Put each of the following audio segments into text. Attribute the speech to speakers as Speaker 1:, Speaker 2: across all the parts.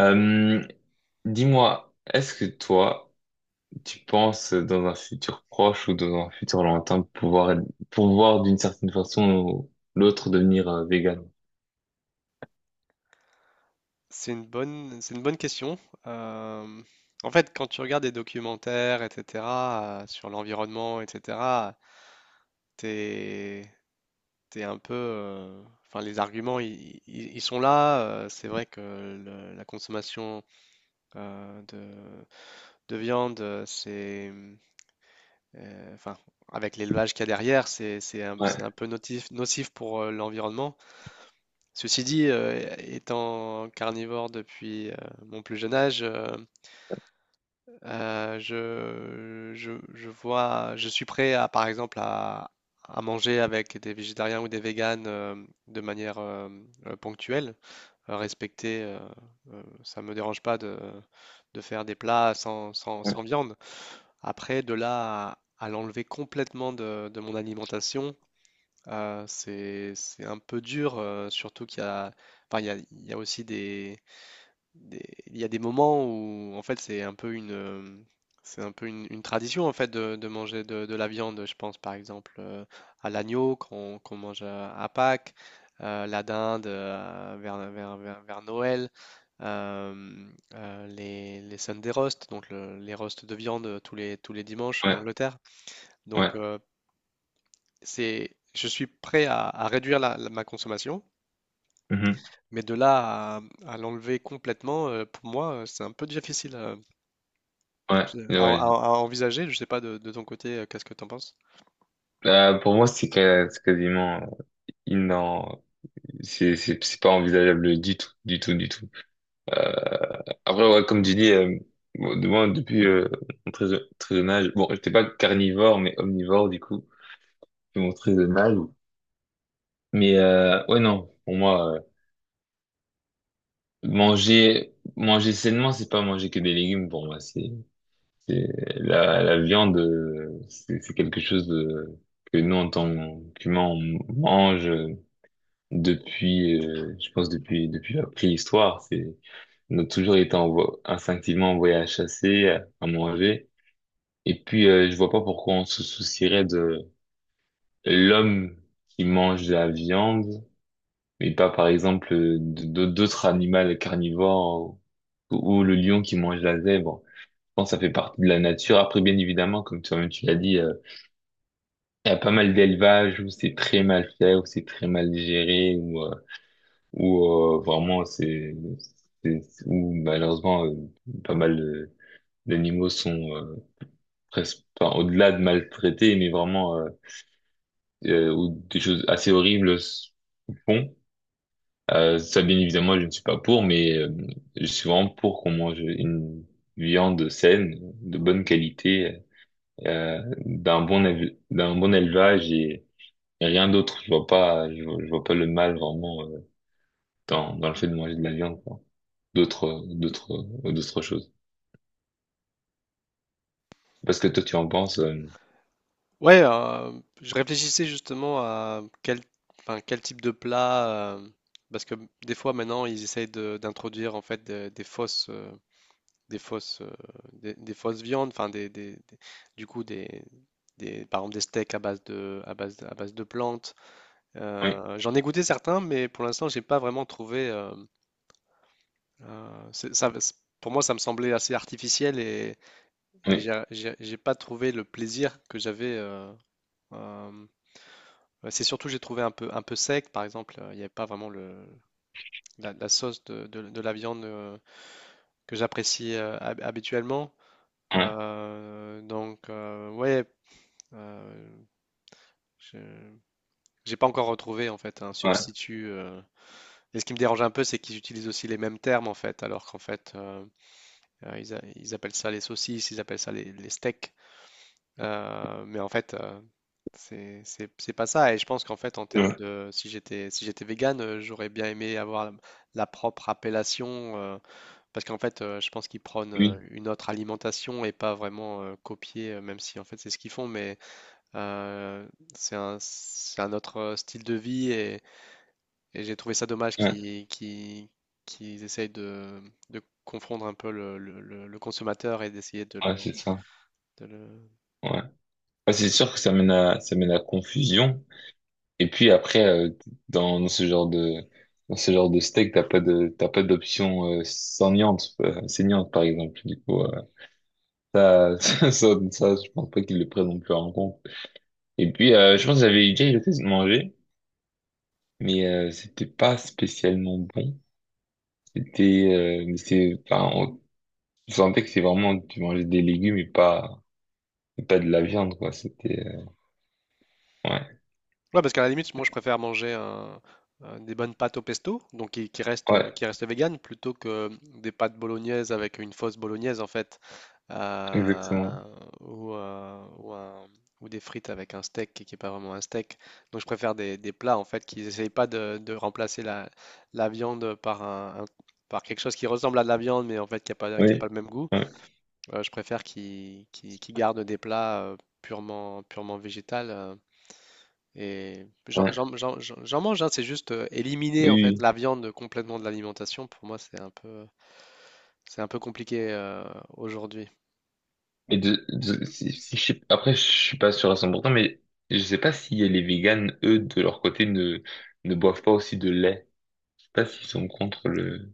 Speaker 1: Euh, Dis-moi, est-ce que toi, tu penses dans un futur proche ou dans un futur lointain pouvoir d'une certaine façon ou l'autre devenir vegan?
Speaker 2: C'est une bonne question. Euh, En fait, quand tu regardes des documentaires, etc., sur l'environnement, etc., t'es, t'es un peu, enfin, les arguments, ils sont là. C'est vrai que la consommation euh, de, de viande, enfin, avec l'élevage qu'il y a derrière, c'est, c'est un,
Speaker 1: Ouais,
Speaker 2: c'est un peu nocif pour l'environnement. Ceci dit, étant carnivore depuis mon plus jeune âge. Je suis prêt à, par exemple, à manger avec des végétariens ou des véganes, de manière, ponctuelle, respecter. Ça me dérange pas de faire des plats sans sans
Speaker 1: ouais,
Speaker 2: sans viande. Après de là à l'enlever complètement de mon alimentation, c'est un peu dur, surtout qu'il y a, enfin, il y a aussi des, des- il y a des moments où en fait c'est un peu une, c'est un peu une tradition, en fait, de manger de la viande. Je pense, par exemple, à l'agneau qu'on mange à Pâques, la dinde vers Noël, euh, les Sunday roast, donc les roasts de viande tous les dimanches en
Speaker 1: ouais,
Speaker 2: Angleterre.
Speaker 1: ouais,
Speaker 2: Donc, c'est je suis prêt à, réduire ma consommation,
Speaker 1: mhm,
Speaker 2: mais de là à, l'enlever complètement, pour moi, c'est un peu difficile. euh,
Speaker 1: ouais,
Speaker 2: C'est À, à-
Speaker 1: ouais.
Speaker 2: à envisager. Je sais pas, de ton côté, qu'est-ce que t'en penses?
Speaker 1: Pour moi, c'est c'est quasiment inan, c'est pas envisageable du tout, du tout, du tout. Euh, Après, ouais, comme tu dis, bon, de moi, depuis mon très jeune âge, bon, j'étais pas carnivore mais omnivore du coup, depuis mon très jeune âge. Mais ouais, non, pour moi, manger sainement, c'est pas manger que des légumes pour moi. C'est la viande, c'est quelque chose de, que nous, en tant qu'humains, on mange depuis, je pense, depuis la préhistoire. On a toujours été instinctivement envoyé à chasser, à manger. Et puis, je vois pas pourquoi on se soucierait de l'homme qui mange de la viande mais pas par exemple d'autres animaux carnivores ou le lion qui mange la zèbre. Je pense que ça fait partie de la nature. Après, bien évidemment, comme toi-même tu l'as dit, il y a pas mal d'élevages où c'est très mal fait, où c'est très mal géré, où vraiment où malheureusement pas mal d'animaux sont presque enfin, au-delà de maltraités, mais vraiment où des choses assez horribles se font. Ça, bien évidemment, je ne suis pas pour, mais je suis vraiment pour qu'on mange une viande saine, de bonne qualité, d'un d'un bon élevage et rien d'autre. Je vois pas le mal vraiment dans le fait de manger de la viande, quoi. D'autres, d'autres, D'autres choses. Parce que toi, tu en penses.
Speaker 2: Ouais, je réfléchissais justement à quel, enfin, quel type de plat, parce que des fois maintenant ils essayent d'introduire, en fait, des fausses, des fausses, des fausses viandes, enfin, du coup, par exemple, des steaks à base de, à base de, à base de plantes.
Speaker 1: Oui,
Speaker 2: J'en ai goûté certains, mais pour l'instant, j'ai pas vraiment trouvé. Euh, c'est- ça, c'est- pour moi, ça me semblait assez artificiel, et
Speaker 1: oui,
Speaker 2: j'ai pas trouvé le plaisir que j'avais. Euh, c'est surtout, j'ai trouvé un peu sec, par exemple. Il n'y avait pas vraiment la sauce de la viande que j'apprécie, habituellement.
Speaker 1: ouais,
Speaker 2: Donc, ouais. Euh, je j'ai pas encore retrouvé, en fait, un
Speaker 1: ouais,
Speaker 2: substitut. Et ce qui me dérange un peu, c'est qu'ils utilisent aussi les mêmes termes, en fait, alors qu'en fait, ils appellent ça les saucisses, ils appellent ça les steaks. Mais en fait, c'est pas ça. Et je pense qu'en fait, en termes
Speaker 1: ouais,
Speaker 2: de, si j'étais vegan, j'aurais bien aimé avoir la propre appellation, parce qu'en fait, je pense qu'ils prônent
Speaker 1: oui,
Speaker 2: une autre alimentation, et pas vraiment copier, même si, en fait, c'est ce qu'ils font, mais Euh, c'est un, autre style de vie, et j'ai trouvé ça dommage
Speaker 1: ouais,
Speaker 2: qu'ils essayent de confondre un peu le consommateur, et d'essayer de
Speaker 1: ouais,
Speaker 2: le.
Speaker 1: c'est ça.
Speaker 2: de le-
Speaker 1: Ouais. Ouais, c'est sûr que ça mène à confusion. Et puis après, dans ce genre de, dans ce genre de steak, t'as pas d'option euh, saignante par exemple. Du coup, ça, ça, je pense pas qu'ils le prennent non plus en compte. Et puis, je pense que j'avais déjà eu l'occasion de manger, mais c'était pas spécialement bon. C'était, mais enfin, on je sentais que c'est vraiment, tu mangeais des légumes et pas de la viande, quoi. Ouais,
Speaker 2: Ouais, parce qu'à la limite, moi, je préfère manger des bonnes pâtes au pesto, donc qui, restent,
Speaker 1: ouais,
Speaker 2: qui restent vegan, plutôt que des pâtes bolognaises avec une fausse bolognaise, en fait, euh,
Speaker 1: exactement.
Speaker 2: ou, euh, ou un- ou des frites avec un steak qui n'est pas vraiment un steak. Donc, je préfère des, plats, en fait, qui n'essayent pas de remplacer la viande par un, par quelque chose qui ressemble à de la viande, mais, en fait, qui a pas
Speaker 1: Oui,
Speaker 2: le même goût.
Speaker 1: ouais,
Speaker 2: Je préfère qu'ils gardent des plats purement végétal. Et
Speaker 1: ouais,
Speaker 2: j'en mange, hein, c'est juste, éliminer,
Speaker 1: oui.
Speaker 2: en fait,
Speaker 1: Oui.
Speaker 2: la viande complètement de l'alimentation. Pour moi, c'est un peu, compliqué, aujourd'hui.
Speaker 1: Et si je après, je suis pas sûr à 100% mais je sais pas si les véganes, eux, de leur côté, ne boivent pas aussi de lait. Je sais pas s'ils sont contre le…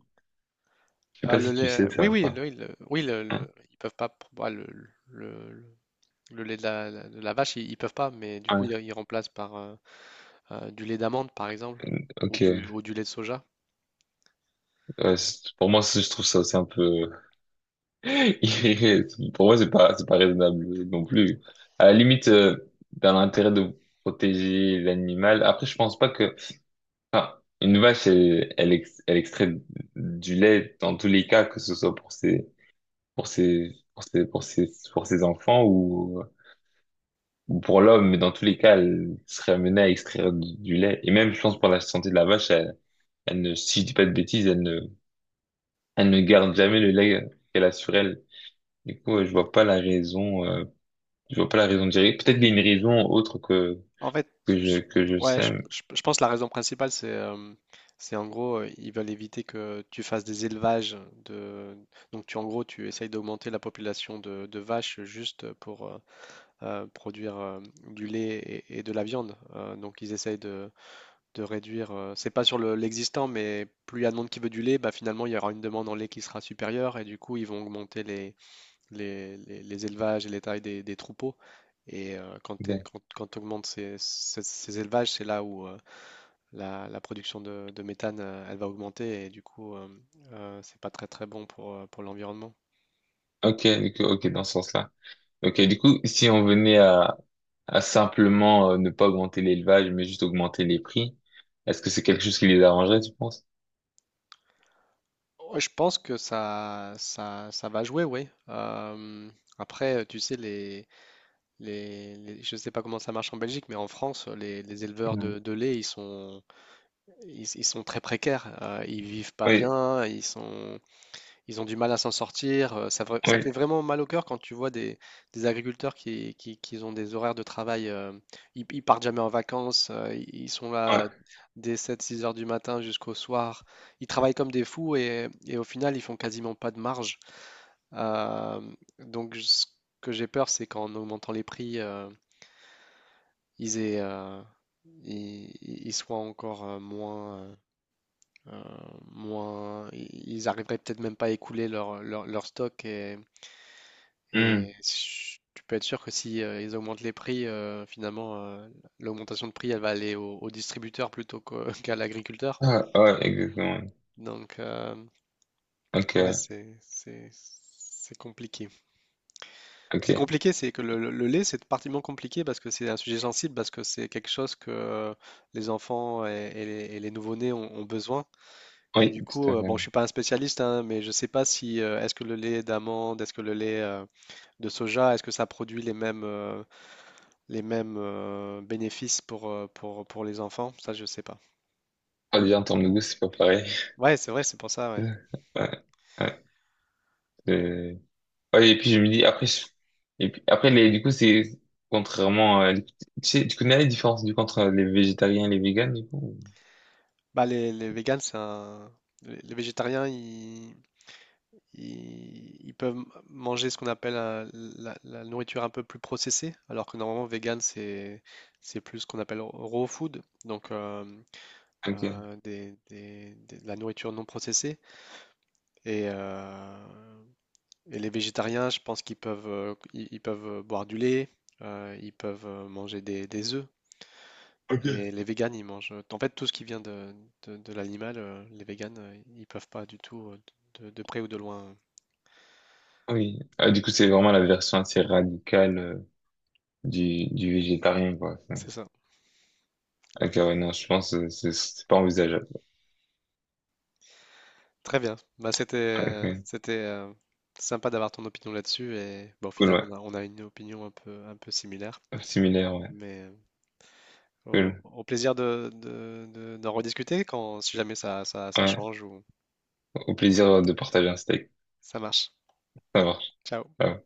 Speaker 1: Je sais
Speaker 2: Ah,
Speaker 1: pas
Speaker 2: le
Speaker 1: si tu
Speaker 2: lait,
Speaker 1: sais
Speaker 2: oui,
Speaker 1: ça,
Speaker 2: oui,
Speaker 1: quoi.
Speaker 2: oui,
Speaker 1: Hein?
Speaker 2: ils peuvent pas. Pour moi, le- le- le lait de de la vache, ils peuvent pas, mais du coup,
Speaker 1: Ouais.
Speaker 2: ils remplacent par, du lait d'amande, par exemple,
Speaker 1: Ok,
Speaker 2: ou
Speaker 1: ouais.
Speaker 2: du, lait de soja.
Speaker 1: Ouais, pour moi, je trouve ça aussi un peu… irré- Pour moi, c'est pas raisonnable non plus. À la limite, dans l'intérêt de protéger l'animal, après, je pense pas que… Enfin, une vache, elle extrait du lait dans tous les cas, que ce soit pour ses pour ses, pour ses, pour ses, pour ses enfants ou pour l'homme, mais dans tous les cas, elle serait amenée à extraire du lait. Et même, je pense, pour la santé de la vache, elle, elle ne, si je dis pas de bêtises, elle ne garde jamais le lait qu'elle a sur elle. Du coup, je vois pas la raison, je vois pas la raison directe. Peut-être qu'il y a une raison autre que,
Speaker 2: En fait, je,
Speaker 1: que je
Speaker 2: ouais, je,
Speaker 1: sais.
Speaker 2: je- je pense que la raison principale, c'est, en gros, ils veulent éviter que tu fasses des élevages de. Donc, en gros, tu essayes d'augmenter la population de vaches, juste pour, produire, du lait et, de la viande. Donc, ils essayent de réduire. C'est pas sur l'existant, mais plus il y a de monde qui veut du lait, bah, finalement, il y aura une demande en lait qui sera supérieure, et du coup, ils vont augmenter les élevages et les tailles des troupeaux. Et
Speaker 1: mais-
Speaker 2: quand augmentes ces élevages, c'est là où, la production de méthane, elle va augmenter, et du coup, c'est pas très très bon pour l'environnement.
Speaker 1: Ok, ok, du coup, ok, dans ce sens-là. Ok, du coup, si on venait à simplement ne pas augmenter l'élevage, mais juste augmenter les prix, est-ce que c'est quelque chose qui les arrangerait, tu penses?
Speaker 2: Ouais, je pense que ça va jouer, oui. Après, tu sais, je ne sais pas comment ça marche en Belgique, mais en France, les éleveurs de lait, ils sont, ils sont très précaires. Ils vivent pas
Speaker 1: Oui,
Speaker 2: bien, ils ont du mal à s'en sortir. Ça
Speaker 1: oui,
Speaker 2: fait vraiment mal au cœur quand tu vois des agriculteurs qui ont des horaires de travail. Ils partent jamais en vacances. Ils sont là
Speaker 1: ouais.
Speaker 2: dès 7-6 heures du matin jusqu'au soir. Ils travaillent comme des fous, et au final, ils font quasiment pas de marge. Euh, donc, ce que j'ai peur, c'est qu'en augmentant les prix, ils aient, ils, ils- soient encore, moins. Euh, Moins, ils arriveraient peut-être même pas à écouler leur stock, et,
Speaker 1: Hmm.
Speaker 2: Et tu peux être sûr que si, ils augmentent les prix, finalement, l'augmentation de prix, elle va aller au distributeur plutôt qu'à l'agriculteur.
Speaker 1: Ah, ouais, exactement.
Speaker 2: Donc, ouais,
Speaker 1: Ok,
Speaker 2: c'est compliqué. C'est
Speaker 1: ok.
Speaker 2: compliqué, c'est que le lait, c'est particulièrement compliqué, parce que c'est un sujet sensible, parce que c'est quelque chose que, les enfants et les nouveau-nés ont besoin. Et
Speaker 1: Oui,
Speaker 2: du
Speaker 1: tout
Speaker 2: coup,
Speaker 1: à
Speaker 2: bon, je suis
Speaker 1: fait.
Speaker 2: pas un spécialiste, hein, mais je sais pas si, est-ce que le lait d'amande, est-ce que le lait, de soja, est-ce que ça produit les mêmes, bénéfices pour, pour les enfants, ça je sais pas.
Speaker 1: Ah, déjà, en termes de goût, c'est pas pareil.
Speaker 2: Ouais, c'est vrai, c'est pour ça, ouais.
Speaker 1: Ouais, ouais, c'est- ouais, et puis, je me dis, après, et puis, du coup, c'est contrairement à… Tu sais, tu connais la différence, du coup, entre les végétariens et les véganes, du coup? Ou-
Speaker 2: Bah les véganes, c'est un. Les végétariens, ils peuvent manger ce qu'on appelle, la nourriture un peu plus processée, alors que, normalement, vegan, c'est, plus ce qu'on appelle raw food, donc,
Speaker 1: Ok.
Speaker 2: de la nourriture non processée. Et, euh, et les végétariens, je pense qu'ils peuvent boire du lait, ils peuvent, manger des œufs.
Speaker 1: Ok.
Speaker 2: Et les véganes, ils mangent, en fait, tout ce qui vient de, de l'animal. Les véganes, ils peuvent pas du tout, de près ou de loin.
Speaker 1: Oui. Ah, du coup, c'est vraiment la version assez radicale du végétarien, quoi.
Speaker 2: C'est ça.
Speaker 1: Ok, ouais, non, je pense que c'est pas envisageable.
Speaker 2: Très bien. Bah,
Speaker 1: Ouais, Ok,
Speaker 2: c'était sympa d'avoir ton opinion là-dessus. Et bah, au
Speaker 1: Cool,
Speaker 2: final,
Speaker 1: ouais.
Speaker 2: on a une opinion un peu similaire.
Speaker 1: Similaire, ouais.
Speaker 2: Mais
Speaker 1: Cool.
Speaker 2: au plaisir d'en rediscuter, si jamais ça, ça
Speaker 1: Ouais.
Speaker 2: change, ou
Speaker 1: Au plaisir de partager un steak.
Speaker 2: ça marche.
Speaker 1: Ça marche.
Speaker 2: Ciao.
Speaker 1: Ouais.